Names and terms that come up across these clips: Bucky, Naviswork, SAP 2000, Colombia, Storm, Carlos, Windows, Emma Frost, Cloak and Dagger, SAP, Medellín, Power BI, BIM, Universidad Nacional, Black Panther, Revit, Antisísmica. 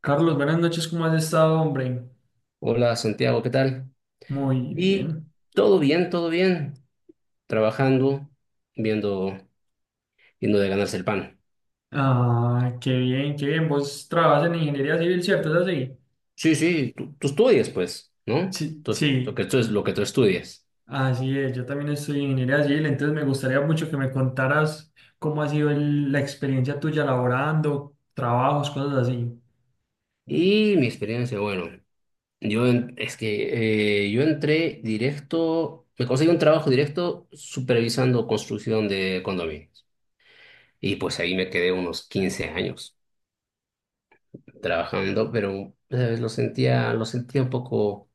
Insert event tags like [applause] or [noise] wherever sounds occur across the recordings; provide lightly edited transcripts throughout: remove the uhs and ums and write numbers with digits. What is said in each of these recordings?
Carlos, buenas noches, ¿cómo has estado, hombre? Hola Santiago, ¿qué tal? Muy Y bien. Todo bien, trabajando, viendo, viendo de ganarse el pan. Ah, qué bien, qué bien. Vos trabajas en ingeniería civil, ¿cierto? ¿Es así? Sí, sí, tú estudias, pues, ¿no? Sí, Entonces, lo sí, que tú es lo que tú estudias. así es. Yo también estoy en ingeniería civil, entonces me gustaría mucho que me contaras cómo ha sido la experiencia tuya laborando, trabajos, cosas así. Y mi experiencia, bueno, es que yo entré directo, me conseguí un trabajo directo supervisando construcción de condominios. Y pues ahí me quedé unos 15 años trabajando, pero ¿sabes?, lo sentía un poco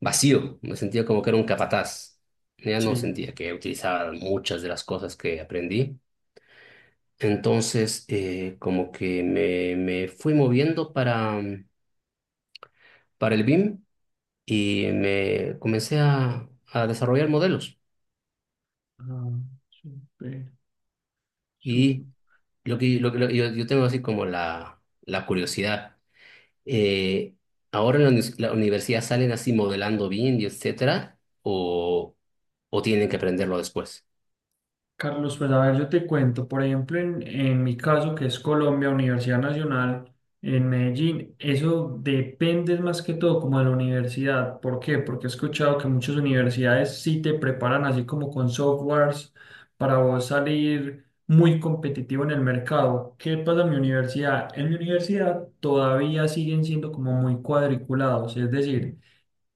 vacío, me sentía como que era un capataz. Ya no Sí. sentía que utilizaba muchas de las cosas que aprendí. Entonces, como que me fui moviendo para el BIM y me comencé a desarrollar modelos. Ah, súper, súper. Y lo que yo tengo así como la curiosidad. eh, ¿Ahora en la universidad salen así modelando bien y etcétera? ¿O tienen que aprenderlo después? Carlos, pues a ver, yo te cuento, por ejemplo, en mi caso, que es Colombia, Universidad Nacional, en Medellín, eso depende más que todo como de la universidad. ¿Por qué? Porque he escuchado que muchas universidades sí te preparan así como con softwares para vos salir muy competitivo en el mercado. ¿Qué pasa en mi universidad? En mi universidad todavía siguen siendo como muy cuadriculados, es decir,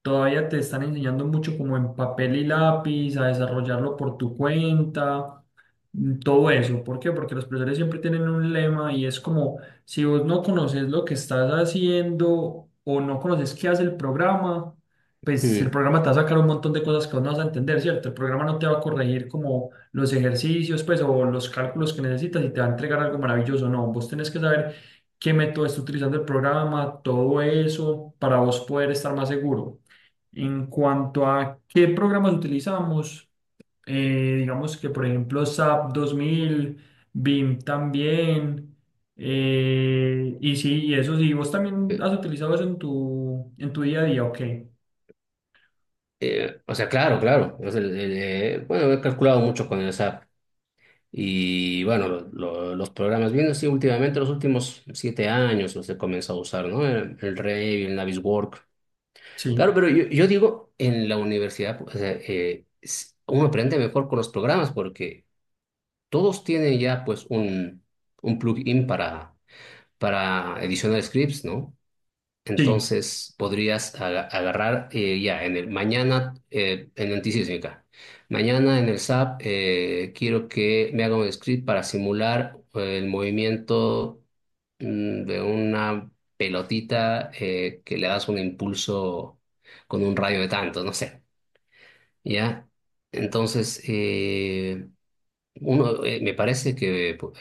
todavía te están enseñando mucho como en papel y lápiz, a desarrollarlo por tu cuenta, todo eso. ¿Por qué? Porque los profesores siempre tienen un lema y es como, si vos no conoces lo que estás haciendo o no conoces qué hace el programa, pues el Mm. programa te va a sacar un montón de cosas que vos no vas a entender, ¿cierto? El programa no te va a corregir como los ejercicios, pues, o los cálculos que necesitas y te va a entregar algo maravilloso. No, vos tenés que saber qué método está utilizando el programa, todo eso, para vos poder estar más seguro. En cuanto a qué programas utilizamos, digamos que por ejemplo SAP 2000, BIM también, y sí, y eso sí, vos también has utilizado eso en tu día a día, ok, O sea, claro, claro. O sea, bueno, he calculado mucho con el SAP. Y bueno, los programas, bien así últimamente, los últimos 7 años los he comenzado a usar, ¿no? El Revit, el Naviswork. sí, Claro, pero yo digo, en la universidad, pues, o sea, uno aprende mejor con los programas porque todos tienen ya, pues, un plugin para edicionar scripts, ¿no? sí, Entonces podrías agarrar ya en el mañana en Antisísmica. Mañana en el SAP quiero que me haga un script para simular el movimiento de una pelotita que le das un impulso con un rayo de tanto, no sé. ¿Ya? Entonces, me parece que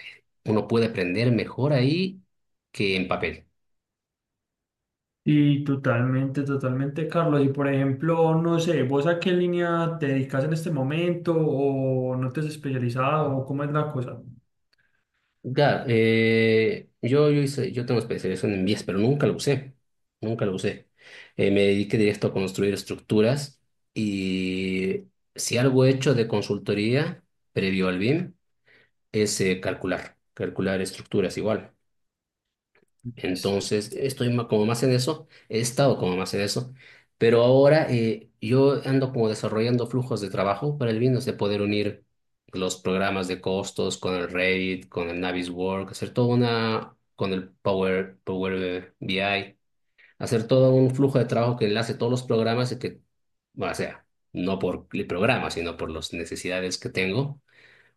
uno puede aprender mejor ahí que en papel. y totalmente, totalmente, Carlos, y por ejemplo, no sé, vos a qué línea te dedicas en este momento o no te has especializado o cómo es la cosa. Claro, yo tengo especialización en vías, pero nunca lo usé, nunca lo usé. Me dediqué directo a construir estructuras y, si algo he hecho de consultoría previo al BIM, es calcular estructuras igual. Entonces, estoy como más en eso, he estado como más en eso, pero ahora yo ando como desarrollando flujos de trabajo para el Windows, de poder unir los programas de costos con el Revit, con el Navisworks, hacer toda una, con el Power BI, hacer todo un flujo de trabajo que enlace todos los programas y que, bueno, o sea, no por el programa, sino por las necesidades que tengo,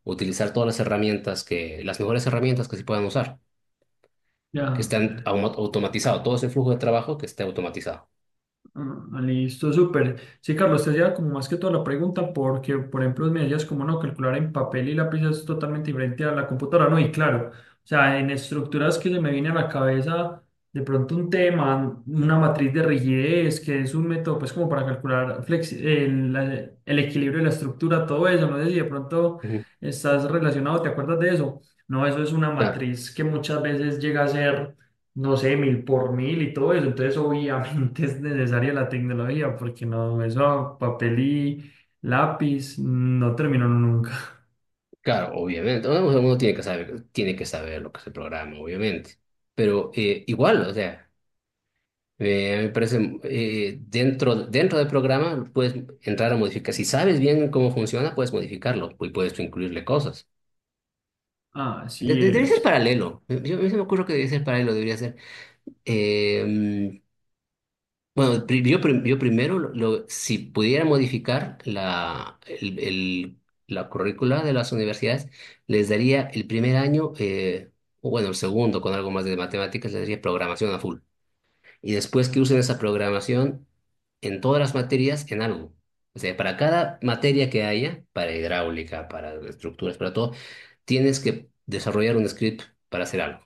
utilizar todas las herramientas que, las mejores herramientas que se puedan usar, que Ya. están automatizados, todo ese flujo de trabajo que esté automatizado. Ah, listo, súper. Sí, Carlos, te hacía como más que toda la pregunta porque, por ejemplo, me decías como no, calcular en papel y lápiz es totalmente diferente a la computadora, ¿no? Y claro, o sea, en estructuras que se me viene a la cabeza de pronto un tema, una matriz de rigidez, que es un método pues como para calcular el, el equilibrio de la estructura, todo eso, no sé si de pronto Ujú. estás relacionado, ¿te acuerdas de eso? No, eso es una Claro, matriz que muchas veces llega a ser no sé, mil por mil y todo eso. Entonces, obviamente [laughs] es necesaria la tecnología porque no, eso papel y lápiz no terminó nunca. claro, obviamente. Uno tiene que saber lo que es el programa, obviamente. Pero igual, o sea, a mí me parece, dentro del programa puedes entrar a modificar. Si sabes bien cómo funciona, puedes modificarlo y puedes incluirle cosas. Así Debería ser es. paralelo. Yo, a mí se me ocurre que debería ser paralelo, debería ser. eh, Bueno, yo primero, si pudiera modificar la currícula de las universidades, les daría el primer año, o bueno, el segundo, con algo más de matemáticas, les daría programación a full. Y después, que usen esa programación en todas las materias, en algo. O sea, para cada materia que haya, para hidráulica, para estructuras, para todo, tienes que desarrollar un script para hacer algo.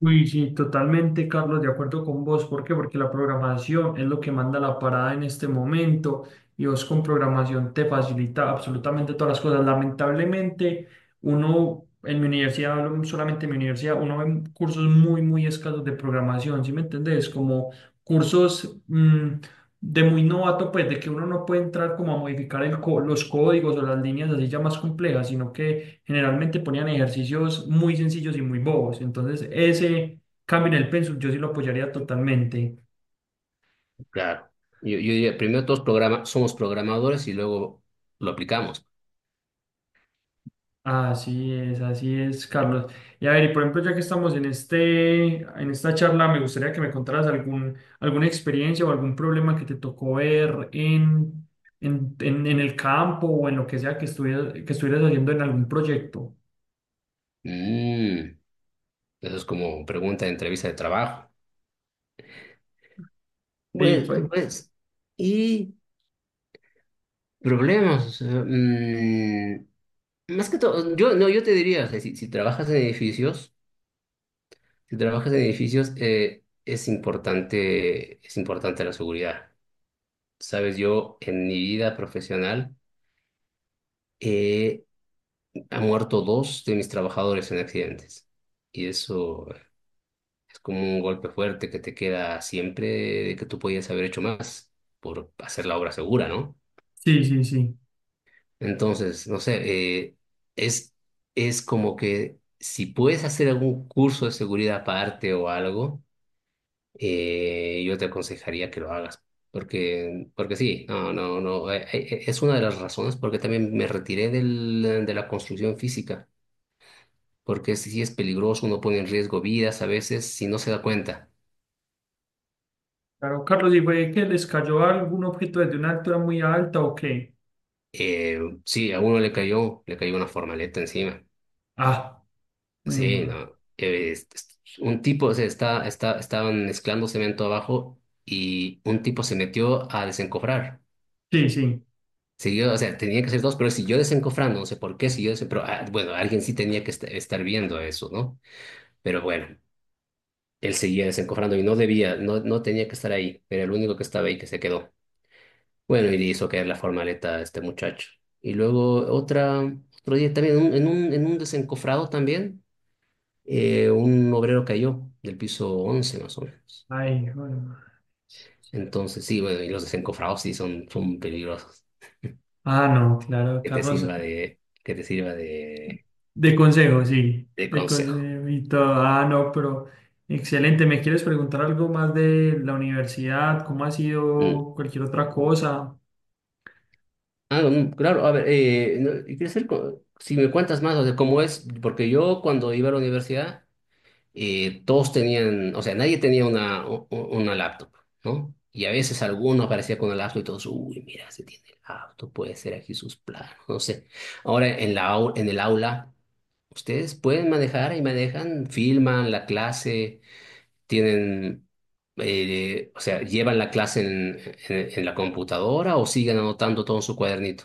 Uy, sí, totalmente, Carlos, de acuerdo con vos. ¿Por qué? Porque la programación es lo que manda la parada en este momento y vos con programación te facilita absolutamente todas las cosas. Lamentablemente, uno en mi universidad, hablo solamente en mi universidad, uno ve cursos muy, muy escasos de programación, ¿sí me entendés? Como cursos de muy novato, pues de que uno no puede entrar como a modificar los códigos o las líneas así ya más complejas, sino que generalmente ponían ejercicios muy sencillos y muy bobos. Entonces, ese cambio en el pensum yo sí lo apoyaría totalmente. Claro. Yo diría, primero todos programa, somos programadores y luego lo aplicamos. Así es, Carlos. Y a ver, y por ejemplo, ya que estamos en esta charla, me gustaría que me contaras algún, alguna experiencia o algún problema que te tocó ver en el campo o en lo que sea que estuvieras haciendo en algún proyecto. Mm, Eso es como pregunta de entrevista de trabajo. Ahí Pues, fue. pues, y problemas. O sea, más que todo, yo, no, yo te diría, o sea, si trabajas en edificios, si trabajas en edificios, es importante la seguridad. Sabes, yo en mi vida profesional eh, han muerto dos de mis trabajadores en accidentes. Y eso es como un golpe fuerte que te queda siempre, de que tú podías haber hecho más por hacer la obra segura, ¿no? Sí, sí, sí. Entonces, no sé, es, es como que, si puedes hacer algún curso de seguridad aparte o algo, yo te aconsejaría que lo hagas. Porque sí, no, no, no, es una de las razones porque también me retiré de la construcción física, porque si es peligroso, uno pone en riesgo vidas a veces si no se da cuenta. Claro, Carlos, ¿y fue que les cayó algún objeto desde una altura muy alta o qué? Eh, sí, a uno le cayó una formaleta encima. Ah. Joder, Sí, ma. no. Un tipo, o sea, estaban mezclando cemento abajo y un tipo se metió a desencofrar. Sí, sí. Siguió, o sea, tenía que ser dos, pero siguió desencofrando, no sé por qué siguió pero, ah, bueno, alguien sí tenía que estar viendo eso, ¿no? Pero bueno, él seguía desencofrando y no debía, no, no tenía que estar ahí, era el único que estaba ahí, que se quedó. Bueno, y hizo caer la formaleta a este muchacho. Y luego otro día también, en un desencofrado también, un obrero cayó del piso 11 más o menos. Ay, joder, ma. Entonces, sí, bueno, y los desencofrados sí son peligrosos. Ah, no, claro, Que te Carlos. sirva de, que te sirva De consejo, sí. de De consejo. consejo y todo. Ah, no, pero excelente. ¿Me quieres preguntar algo más de la universidad? ¿Cómo ha Mm. sido cualquier otra cosa? Ah, claro, a ver, no, y quiero saber si me cuentas más, o sea, cómo es, porque yo, cuando iba a la universidad, todos tenían, o sea, nadie tenía una laptop, ¿no? Y a veces algunos aparecían con una laptop y todos, uy, mira, se tiene laptop, puede ser aquí sus planos, no sé. Ahora en el aula, ustedes pueden manejar y manejan, filman la clase, tienen, o sea, llevan la clase en, la computadora, o siguen anotando todo en su cuadernito.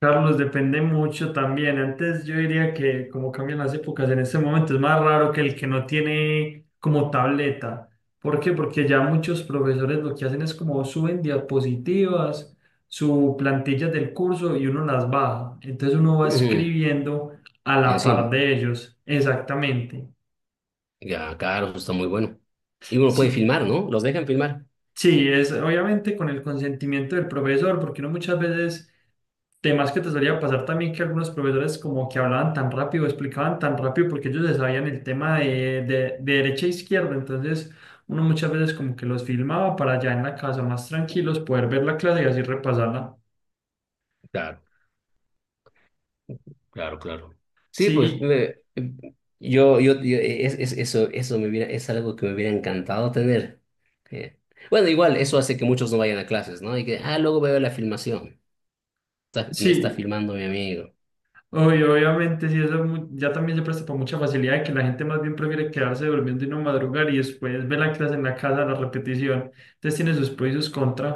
Carlos, depende mucho también. Antes yo diría que como cambian las épocas, en este momento es más raro que el que no tiene como tableta. ¿Por qué? Porque ya muchos profesores lo que hacen es como suben diapositivas, su plantillas del curso y uno las baja. Entonces uno va Ujú. escribiendo a la par Encima, de ellos. Exactamente. ya, claro, eso está muy bueno. Y uno puede Si- filmar, ¿no? Los dejan filmar. Sí, es obviamente con el consentimiento del profesor, porque uno muchas veces, temas que te solía pasar también que algunos profesores como que hablaban tan rápido, explicaban tan rápido, porque ellos se sabían el tema de derecha e izquierda, entonces uno muchas veces como que los filmaba para allá en la casa más tranquilos, poder ver la clase y así repasarla. Claro. Claro, claro. Sí, pues Sí, es algo que me hubiera encantado tener. Eh, bueno, igual, eso hace que muchos no vayan a clases, ¿no? Y que, ah, luego veo la filmación. Me está sí, filmando mi amigo. obvio, obviamente, sí, eso es ya también se presta para mucha facilidad de que la gente más bien prefiere quedarse durmiendo y no madrugar y después ver la clase en la casa, la repetición. Entonces tiene sus pros y sus contras.